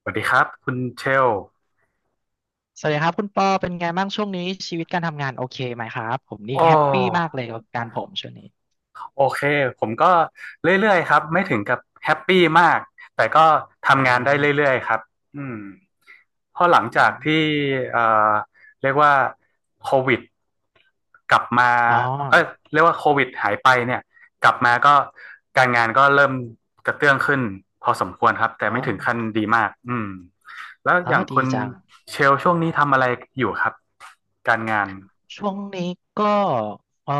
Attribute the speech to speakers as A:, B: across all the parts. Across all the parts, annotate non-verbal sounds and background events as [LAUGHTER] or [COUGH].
A: สวัสดีครับคุณเชล
B: สวัสดีครับคุณปอเป็นไงบ้างช่วงนี้ชีวิตการทำงานโอเคไหมครับผมนี่
A: โอ
B: แฮปปี้มา
A: ้
B: กเลยกับการผมช่วงนี้
A: โอเคผมก็เรื่อยๆครับไม่ถึงกับแฮปปี้มากแต่ก็
B: อ่
A: ทำงานได้
B: า
A: เรื่อยๆครับอืมเพราะหลัง
B: อ
A: จาก
B: ม
A: ที่เอ่อเรียกว่าโควิดกลับมา
B: อ๋อ
A: เอ้ยเรียกว่าโควิดหายไปเนี่ยกลับมาก็การงานก็เริ่มกระเตื้องขึ้นพอสมควรครับแต่
B: อ๋อ
A: ไม่ถึงขั้นดีมากอืมแล้ว
B: อ๋
A: อ
B: อ
A: ย่างคุ
B: ดี
A: ณ
B: จัง
A: เชลช่วงนี้ทำอะไรอยู่ครับการงาน
B: ช่วงนี้ก็เอ่อ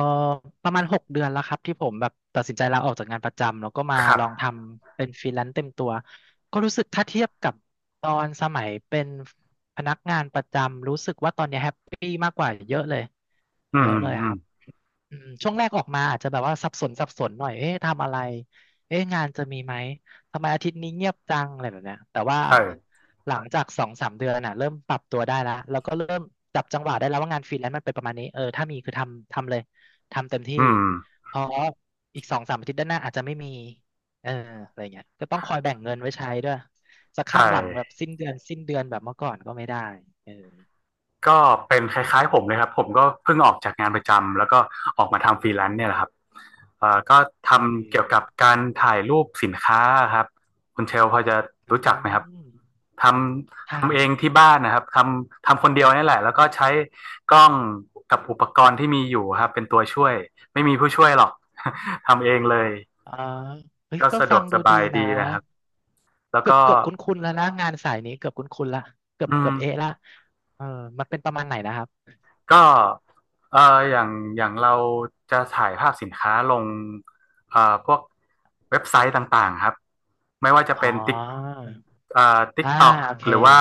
B: ประมาณ6 เดือนแล้วครับที่ผมแบบตัดสินใจลาออกจากงานประจำแล้วก็มา
A: ครับ
B: ลองทำเป็นฟรีแลนซ์เต็มตัวก็รู้สึกถ้าเทียบกับตอนสมัยเป็นพนักงานประจำรู้สึกว่าตอนนี้แฮปปี้มากกว่าเยอะเลย
A: อื
B: เย
A: ม
B: อะเลย
A: อื
B: ค
A: ม
B: รับ อืมช่วงแรกออกมาอาจจะแบบว่าสับสนสับสนหน่อย เอ๊ะทำอะไร เอ๊ะงานจะมีไหม ทำไมอาทิตย์นี้เงียบจังอะไรแบบเนี้ยแต่ว่า
A: ใช่
B: หลังจาก2-3 เดือนน่ะเริ่มปรับตัวได้แล้วแล้วก็เริ่มจับจังหวะได้แล้วว่างานฟรีแลนซ์มันเป็นประมาณนี้เออถ้ามีคือทำทำเลยทำเต็มที่
A: อืม
B: เพราะอีก2-3 อาทิตย์ด้านหน้าอาจจะไม่มีเอออะไรเงี้ยก็ต้องคอยแบ่งเงินไว้ใช้ด้วยจะ
A: ใช่
B: คาดหวังแบบสิ้นเดือนสิ้นเดือนแบบเมื่อก่อนก็ไม่ได้เออ
A: ก็เป็นคล้ายๆผมเลยครับผมก็เพิ่งออกจากงานประจำแล้วก็ออกมาทำฟรีแลนซ์เนี่ยแหละครับก็ท
B: เอ
A: ำเกี่ยวกับ
B: อ
A: การถ่ายรูปสินค้าครับคุณเชลพอจะ
B: อื
A: รู้จักไหมครับ
B: ม
A: ท
B: ใช
A: ทำเอ
B: ย
A: งที่บ้านนะครับทำคนเดียวนี่แหละแล้วก็ใช้กล้องกับอุปกรณ์ที่มีอยู่ครับเป็นตัวช่วยไม่มีผู้ช่วยหรอก [LAUGHS] ทำเองเลย
B: อ่าเฮ้ย
A: ก็
B: ก็
A: สะด
B: ฟั
A: วก
B: ง
A: ส
B: ดูดี
A: บายดี
B: นะ
A: นะครับแล้ว
B: เกื
A: ก็
B: อบเกือบคุ้นๆแล้วนะงานสายนี้เกือบคุ้นๆละเกือ
A: อื
B: บเกื
A: ม
B: อบเอะละเออมันเป็นประมาณไหนนะครับ
A: ก็เอ่ออย่างอย่างเราจะถ่ายภาพสินค้าลงเอ่อพวกเว็บไซต์ต่างๆครับไม่ว่าจะ
B: อ๋อ
A: เป็นติ๊กเอ่อติ๊ก
B: อ่า
A: ต็อก
B: โอเค
A: หรือว่า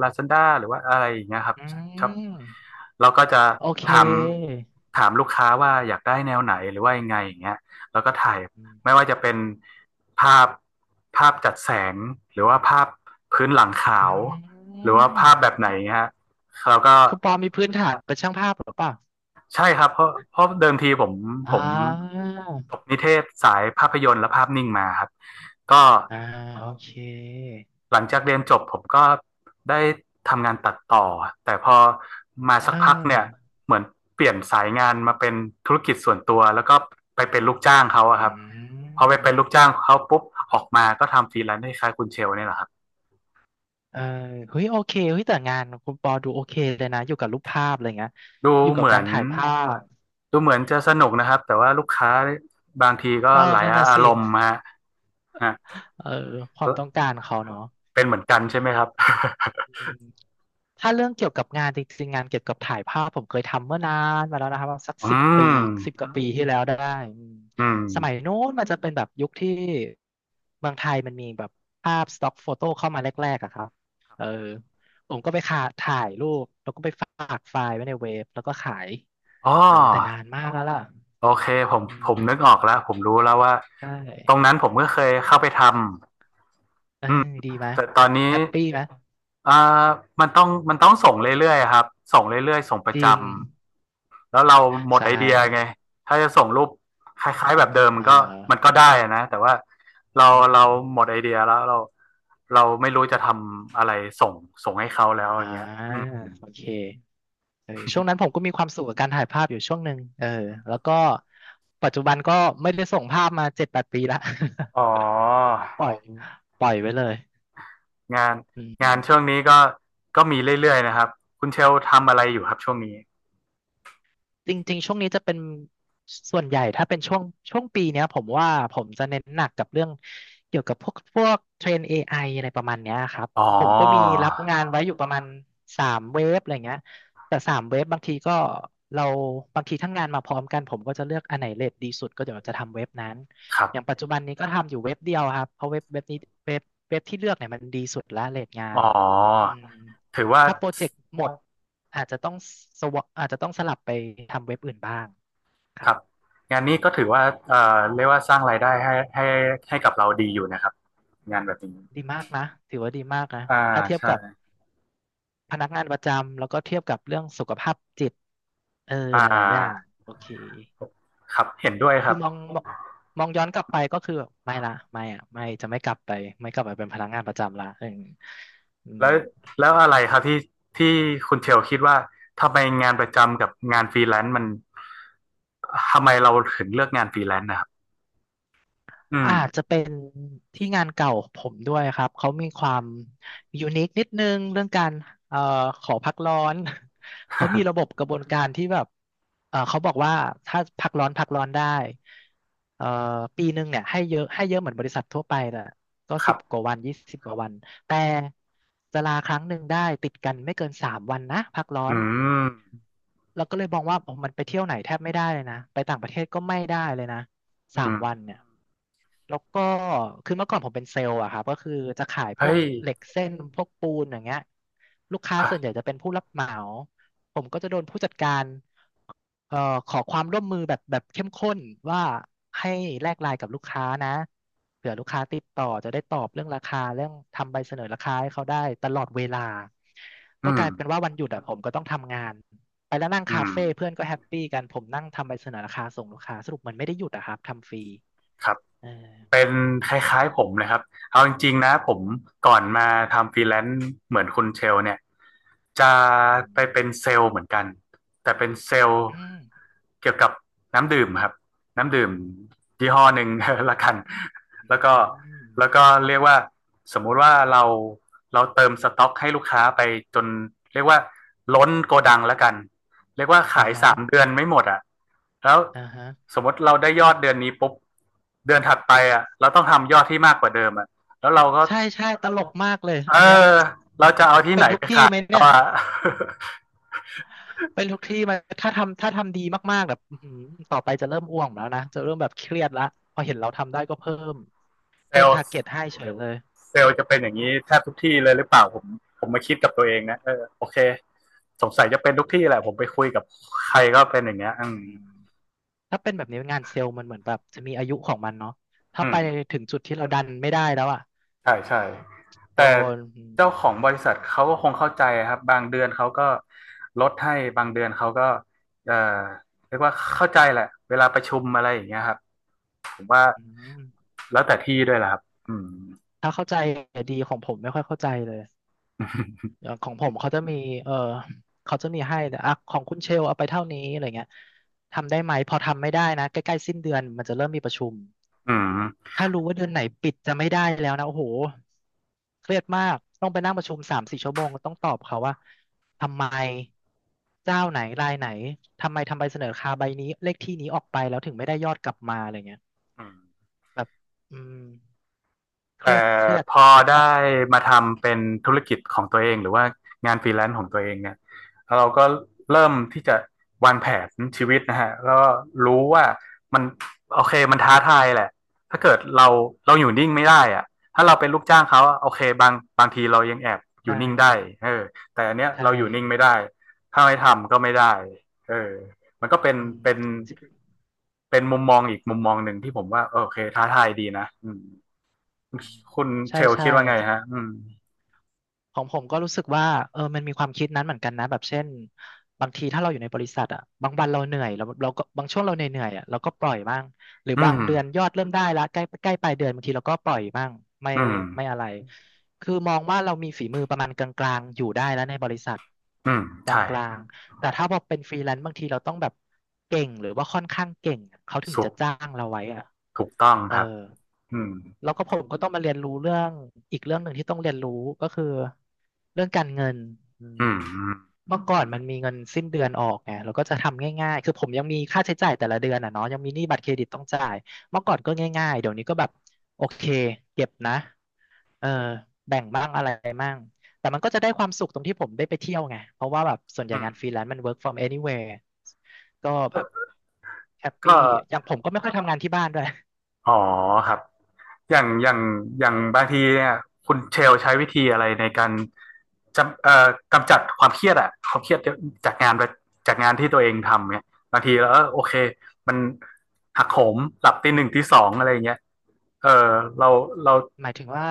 A: Lazada หรือว่าอะไรอย่างเงี้ยครับ
B: อื
A: ครับ
B: ม
A: เราก็จะ
B: โอเค
A: ถามถามลูกค้าว่าอยากได้แนวไหนหรือว่ายังไงอย่างเงี้ยแล้วก็ถ่าย
B: อื
A: ไม่ว่าจะเป็นภาพภาพจัดแสงหรือว่าภาพพื้นหลังขาวหรือว่าภา
B: ม
A: พแบบไหนเงี้ยฮะเราก็
B: คุณปอมีพื้นฐานเป็นช่างภาพหรือเปล่า
A: ใช่ครับเพราะเดิมทีผม
B: อ่
A: ผม
B: า
A: จบนิเทศสายภาพยนตร์และภาพนิ่งมาครับก็
B: อ่าโอเค
A: หลังจากเรียนจบผมก็ได้ทำงานตัดต่อแต่พอมา
B: เอ
A: สักพักเนี่ย
B: อ
A: เหมือนเปลี่ยนสายงานมาเป็นธุรกิจส่วนตัวแล้วก็ไปเป็นลูกจ้างเขา
B: อื
A: อะครับพอไป
B: ม
A: เป็นลูกจ้างเขาปุ๊บออกมาก็ทำฟรีแลนซ์ให้คล้ายคุณเชลเนี่ยแหละครับ
B: เออเฮ้ยโอเคเฮ้ยแต่งานคุณปอดูโอเคเลยนะอยู่กับรูปภาพอะไรเงี้ย
A: ดู
B: อยู่กั
A: เห
B: บ
A: มือ
B: การ
A: น
B: ถ่ายภาพ
A: ดูเหมือนจะสนุกนะครับแต่ว่าลูกค้าบางทีก็
B: เออ
A: หลาย
B: นั่นน่ะ
A: อา
B: สิ
A: รมณ์ฮะฮะ
B: เออความต้องการเขาเนาะ
A: เป็นเหมือนกันใช่ไหมครับ [LAUGHS]
B: ถ้าเรื่องเกี่ยวกับงานจริงๆงานเกี่ยวกับถ่ายภาพผมเคยทำเมื่อนานมาแล้วนะครับสัก
A: อื
B: 10 ปี
A: ม
B: 10 กว่าปีที่แล้วได้อืม
A: อืม
B: สมัยนู้นมันจะเป็นแบบยุคที่เมืองไทยมันมีแบบภาพสต็อกโฟโต้เข้ามาแรกๆอะครับเออผมก็ไปขาถ่ายรูปแล้วก็ไปฝากไฟล์ไว้ในเว็บแล้วก็ขาย
A: อ๋
B: เออแต่นา
A: อ
B: นมากแล้วล่ะ
A: โอเคผม
B: อื
A: ผ
B: ม
A: มนึกออกแล้วผมรู้แล้วว่า
B: ใช่
A: ตรงนั้นผมก็เคยเข้าไปทำ
B: เอ้
A: อื
B: ย
A: ม
B: ดีไหม
A: แต่ตอนนี้
B: แฮปปี้ไหม
A: อ่ามันต้องส่งเรื่อยๆครับส่งเรื่อยๆส่งประ
B: จ
A: จ
B: ริง
A: ำแล้วเราหมด
B: ใช่
A: ไอเดียไงถ้าจะส่งรูปคล้ายๆแบบเดิม
B: อ่
A: มันก็
B: า
A: ได้อะนะแต่ว่าเรา
B: อื
A: เรา
B: ม
A: หมดไอเดียแล้วเราไม่รู้จะทำอะไรส่งส่งให้เขาแล้วอ
B: อ่า
A: ย่างเงี้ยอืม
B: โอเค เออช่วงนั้นผมก็มีความสุขกับการถ่ายภาพอยู่ช่วงหนึ่งเออแล้วก็ปัจจุบันก็ไม่ได้ส่งภาพมา7-8 ปีละ
A: อ๋อ
B: [LAUGHS] ปล่อยปล่อยไว้เลย
A: งาน
B: อื
A: งานช่วง
B: ม
A: นี้ก็ก็มีเรื่อยๆนะครับคุณเชลทำอะไรอยู่ครับช่วงนี้
B: จริงๆ ช่วงนี้จะเป็นส่วนใหญ่ถ้าเป็นช่วงช่วงปีเนี้ยผมว่าผมจะเน้นหนักกับเรื่องเกี่ยวกับพวกเทรน AI อไออะไรประมาณเนี้ยครับ
A: อ๋อ
B: ผมก็มีรับงานไว้อยู่ประมาณสามเว็บอะไรเงี้ยแต่สามเว็บบางทีก็เราบางทีทั้งงานมาพร้อมกันผมก็จะเลือกอันไหนเรทดีสุดก็เดี๋ยวจะทำเว็บนั้น
A: ครั
B: อย่าง
A: บ
B: ปัจจุบันนี้ก็ทำอยู่เว็บเดียวครับเพราะเว็บเว็บนี้เว็บเว็บที่เลือกเนี่ยมันดีสุดละเรทงา
A: อ๋อ
B: นอืม
A: ถือว่า
B: ถ้าโปรเจกต์หมด อาจจะต้องอาจจะต้องสลับไปทำเว็บอื่นบ้างค
A: ค
B: รับ
A: รับงานนี้ก็ถือว่าเรียกว่าสร้างรายได้ให้ให้ให้กับเราดีอยู่นะครับงานแบบนี้
B: ดีมากนะถือว่าดีมากนะ
A: อ่า
B: ถ้าเทียบ
A: ใช่
B: กับพนักงานประจำแล้วก็เทียบกับเรื่องสุขภาพจิตเออ
A: อ่
B: หลายๆอย่าง
A: า
B: โอเค
A: ครับเห็นด้วยค
B: คื
A: รั
B: อ
A: บ
B: มองมองมองย้อนกลับไปก็คือแบบไม่ละไม่อะไม่จะไม่กลับไปไม่กลับไปเป็นพนักงานประจำละเอออื
A: แล้
B: ม
A: วแล้วอะไรครับที่ที่คุณเชลคิดว่าทำไมงานประจำกับงานฟรีแลนซ์มันทำไมเราถึงเลือกงานฟรีแลนซ์นะครับอืม
B: อาจจะเป็นที่งานเก่าผมด้วยครับ เขามีความยูนิคนิดนึงเรื่องการเอ่อขอพักร้อน [LAUGHS] เขามีระบบกระบวนการที่แบบเขาบอกว่าถ้าพักร้อนพักร้อนได้เอ่อปีหนึ่งเนี่ยให้เยอะให้เยอะเหมือนบริษัททั่วไปแหละก็
A: [LAUGHS] ครั
B: สิบก
A: บ
B: ว่าวัน20 กว่าวันแต่จะลาครั้งหนึ่งได้ติดกันไม่เกินสามวันนะพักร้อ
A: อื
B: น
A: ม
B: แล้วก็เลยมองว่าโอ้มันไปเที่ยวไหนแทบไม่ได้เลยนะ ไปต่างประเทศก็ไม่ได้เลยนะ สา
A: อื
B: ม
A: ม
B: วันเนี่ยแล้วก็คือเมื่อก่อนผมเป็นเซลล์อะครับก็คือจะขายพว
A: เฮ้
B: ก
A: ย
B: เหล็กเส้นพวกปูนอย่างเงี้ยลูกค้า
A: อ่ะ
B: ส่วนใหญ่จะเป็นผู้รับเหมาผมก็จะโดนผู้จัดการเอ่อขอความร่วมมือแบบเข้มข้นว่าให้แลกไลน์กับลูกค้านะเผื่อลูกค้าติดต่อจะได้ตอบเรื่องราคาเรื่องทำใบเสนอราคาให้เขาได้ตลอดเวลา
A: อื
B: ก็ก
A: ม
B: ลายเป็นว่าวันหยุดอะผมก็ต้องทำงาน ไปแล้วนั่ง
A: อื
B: คา
A: ม
B: เฟ่เพื่อนก็แฮปปี้กันผมนั่งทำใบเสนอราคาส่งลูกค้าสรุปมันไม่ได้หยุดอะครับทำฟรี
A: ครับ
B: เออ
A: เป็นคล้ายๆผมนะครับเอาจริงๆนะผมก่อนมาทำฟรีแลนซ์เหมือนคุณเชลเนี่ยจะ
B: อื
A: ไป
B: ม
A: เป็นเซลล์เหมือนกันแต่เป็นเซลล์
B: อืม
A: เกี่ยวกับน้ำดื่มครับน้ำดื่มยี่ห้อหนึ่ง [LAUGHS] ละกัน
B: อืม
A: แล้วก็แล้วก็เรียกว่าสมมุติว่าเราเติมสต็อกให้ลูกค้าไปจนเรียกว่าล้นโกดังละกันเรียกว่า
B: อ่า
A: ขาย
B: ฮะ
A: สามเดือนไม่หมดอ่ะแล้ว
B: อ่าฮะ
A: สมมติเราได้ยอดเดือนนี้ปุ๊บเดือนถัดไปอ่ะเราต้องทำยอดที่มากกว่าเดิมอ่ะแล้วเราก็
B: ใช่ใช่ตลกมากเลย
A: เออ
B: อันเนี้ย
A: เราจะเอาที่ไห
B: เป็
A: น
B: นทุก
A: ไป
B: ที่
A: ขาย
B: ไหมเนี่ย
A: ว่า [LAUGHS]
B: เป็นทุกที่ไหมถ้าทำดีมากๆแบบอื้อหือต่อไปจะเริ่มอ้วงแล้วนะจะเริ่มแบบเครียดละพอเห็นเราทำได้ก็เพิ่ม
A: เซ
B: เพิ่
A: ล
B: มทาร์
A: ล์
B: เก็ตให้เฉยเลย
A: เซลล์จะเป็นอย่างนี้แทบทุกที่เลยหรือเปล่าผมผมมาคิดกับตัวเองนะเออโอเคสงสัยจะเป็นทุกที่แหละผมไปคุยกับใครก็เป็นอย่างเงี้ยอื
B: อื
A: ม
B: มถ้าเป็นแบบนี้งานเซลล์มันเหมือนแบบจะมีอายุของมันเนาะถ้า
A: อื
B: ไป
A: ม
B: ถึงจุดที่เราดันไม่ได้แล้วอะ
A: ใช่ใช่แต่
B: โดน
A: เจ้าของบริษัทเขาก็คงเข้าใจครับบางเดือนเขาก็ลดให้บางเดือนเขาก็เอ่อเรียกว่าเข้าใจแหละเวลาประชุมอะไรอย่างเงี้ยครับผมว่า
B: อืม
A: แล้วแต่ที่ด้วยแหละครับอืม
B: ถ้าเข้าใจดีของผมไม่ค่อยเข้าใจเลย
A: [LAUGHS]
B: อย่างของผมเขาจะมีเออเขาจะมีให้แต่อ่ะของคุณเชลเอาไปเท่านี้อะไรเงี้ยทำได้ไหมพอทำไม่ได้นะใกล้ๆสิ้นเดือนมันจะเริ่มมีประชุม
A: อืม
B: ถ้ารู้ว่าเดือนไหนปิดจะไม่ได้แล้วนะโอ้โหเครียดมากต้องไปนั่งประชุมสามสี่ชั่วโมงต้องตอบเขาว่าทำไมเจ้าไหนรายไหนทำไมทำใบเสนอราคาใบนี้เลขที่นี้ออกไปแล้วถึงไม่ได้ยอดกลับมาอะไรเงี้ย
A: อืม
B: แบบอืมเครี
A: แต่
B: ยดเครียด
A: พอได้มาทำเป็นธุรกิจของตัวเองหรือว่างานฟรีแลนซ์ของตัวเองเนี่ยเราก็เริ่มที่จะวางแผนชีวิตนะฮะแล้วก็รู้ว่ามันโอเคมันท้าทายแหละถ้าเกิดเราอยู่นิ่งไม่ได้อะถ้าเราเป็นลูกจ้างเขาโอเคบางทีเรายังแอบอ
B: ใช่
A: ยู่นิ่งได้เออแต่อันเนี้ย
B: ใช่
A: เราอยู่นิ่งไม่ได้ถ้าไม่ทำก็ไม่ได้เออมันก็เป็น
B: อืม
A: เป็นเป็นมุมมองอีกมุมมองหนึ่งที่ผมว่าโอเคท้าทายดีนะอืม คุณเช
B: ใช่
A: ล
B: ใช่
A: คิดว่าไง
B: ของ
A: ฮะอืม
B: อผมก็รู้สึกว่าเออมันมีความคิดนั้นเหมือนกันนะแบบเช่นบางทีถ้าเราอยู่ในบริษัทอ่ะบางวันเราเหนื่อยเราก็บางช่วงเราเหนื่อยๆอ่ะเราก็ปล่อยบ้างหรือ
A: อื
B: บาง
A: ม
B: เดือนยอดเริ่มได้ละใกล้ใกล้ปลายเดือนบางทีเราก็ปล่อยบ้างไม่
A: อืม
B: ไม่อะไรคือมองว่าเรามีฝีมือประมาณกลางๆอยู่ได้แล้วในบริษัท
A: อืม
B: ก
A: ใช่
B: ลางๆแต่ถ้าพอเป็นฟรีแลนซ์บางทีเราต้องแบบเก่งหรือว่าค่อนข้างเก่งอะเขาถึง
A: สุก
B: จะจ้างเราไว้อ่ะ
A: ถูกต้อง
B: เออ
A: ครับอืม
B: แล้วก็ผมก็ต้องมาเรียนรู้เรื่องอีกเรื่องหนึ่งที่ต้องเรียนรู้ก็คือเรื่องการเงินอืม
A: อืมอืม
B: เมื่อก่อนมันมีเงินสิ้นเดือนออกไงเราก็จะทำง่ายๆคือผมยังมีค่าใช้จ่ายแต่ละเดือนอ่ะเนาะยังมีหนี้บัตรเครดิตต้องจ่ายเมื่อก่อนก็ง่ายๆเดี๋ยวนี้ก็แบบโอเคเก็บนะเออแบ่งบ้างอะไรบ้างแต่มันก็จะได้ความสุขตรงที่ผมได้ไปเที่ยวไงเพราะว่าแบบส่วนใหญ่
A: อืม
B: งานฟรีแลนซ์มัน work from anywhere ก็แบบแฮปปี้
A: ก็
B: อย่างผมก็ไม่ค่อยทำงานที่บ้านด้วย
A: อ๋อครับ อย่างอย่างอย่างบางทีเนี่ยคุณเชลใช้วิธีอะไรในการจำกำจัดความเครียดอะความเครียดจากงานจากงานที่ตัวเองทำเนี่ยบางทีแล้วเออโอเค มันหักโหมหลับตีหนึ่งตีสองอะไรอย่างเงี้ยเออเราเรา
B: หมายถึงว่า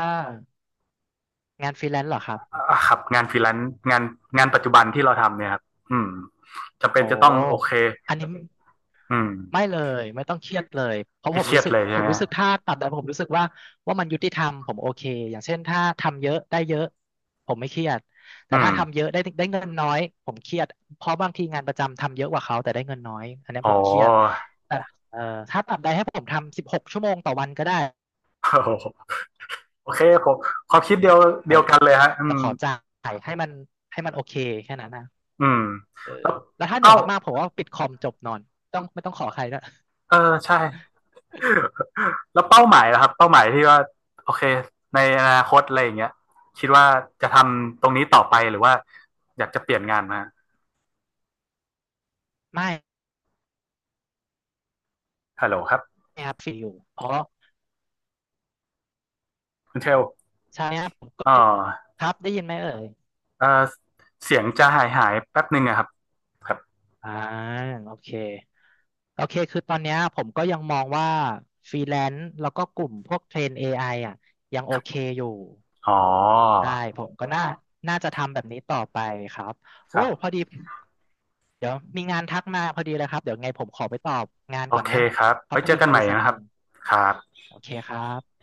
B: งานฟรีแลนซ์เหรอครับ
A: อ่าครับงานฟรีแลนซ์งานงานปัจจุบันที่เราทำเนี่ยครับอืมจำเป็
B: โอ
A: นจะต้องโอเค
B: ้อันนี้
A: อืม
B: ไม่เลยไม่ต้องเครียดเลยเพราะ
A: ไม่
B: ผม
A: เครี
B: รู้
A: ยด
B: สึก
A: เลย
B: ผ
A: ใช่
B: ม
A: ไหม
B: รู้สึกถ้าตัดแต่ผมรู้สึกว่าว่ามันยุติธรรมผมโอเคอย่างเช่นถ้าทำเยอะได้เยอะผมไม่เครียดแต่
A: อื
B: ถ้า
A: ม
B: ทำเยอะได้เงินน้อยผมเครียดเพราะบางทีงานประจำทำเยอะกว่าเขาแต่ได้เงินน้อยอันนี้
A: อ๋
B: ผ
A: อ
B: มเครียดแต่เอ่อถ้าตัดใดให้ผมทำ16 ชั่วโมงต่อวันก็ได้
A: [LAUGHS] โอโหโอเคผมความคิดเดียวกันเลยฮะอื
B: แต่
A: ม
B: ขอจ่ายให้มันโอเคแค่นั้นนะ
A: อืมแล้ว
B: แล้วถ้าเหนื่อ
A: เป้า
B: ยมากๆผมว่าปิดคอมจบนอนต้องไม่ต้องขอใครด้วย
A: เออใช่แล้วเป้าหมายนะครับเป้าหมายที่ว่าโอเคในอนาคตอะไรอย่างเงี้ยคิดว่าจะทำตรงนี้ต่อไปหรือว่าอยากจะเปลี่ยนงานมา
B: ไม่
A: ฮัลโหลครับ
B: ครับฟรีอยู่เพราะ
A: คุณเชล
B: ใช่ครับผมก็
A: อ๋อ
B: ครับได้ยินไหมเอ่ย
A: เออเสียงจะหายแป๊บหนึ่งอะครับครับ
B: อ่าโอเคโอเคคือตอนเนี้ยผมก็ยังมองว่าฟรีแลนซ์แล้วก็กลุ่มพวกเทรน AI อไออ่ะยังโอเคอยู่
A: อ๋อ
B: ใช่ผมก็น่าจะทำแบบนี้ต่อไปครับ
A: ค
B: โอ้
A: รั
B: พอ
A: บ
B: ดีเดี๋ยวมีงานทักมาพอดีเลยครับเดี๋ยวไงผมขอไปตอบงาน
A: โอ
B: ก่อน
A: เค
B: นะ
A: ครับ
B: เขา
A: ไว้
B: เป็น
A: เจอ
B: อีก
A: กัน
B: บ
A: ใหม่
B: ริษัท
A: นะ
B: ห
A: ครับ
B: นึ่ง
A: ครับ
B: โอเคครับ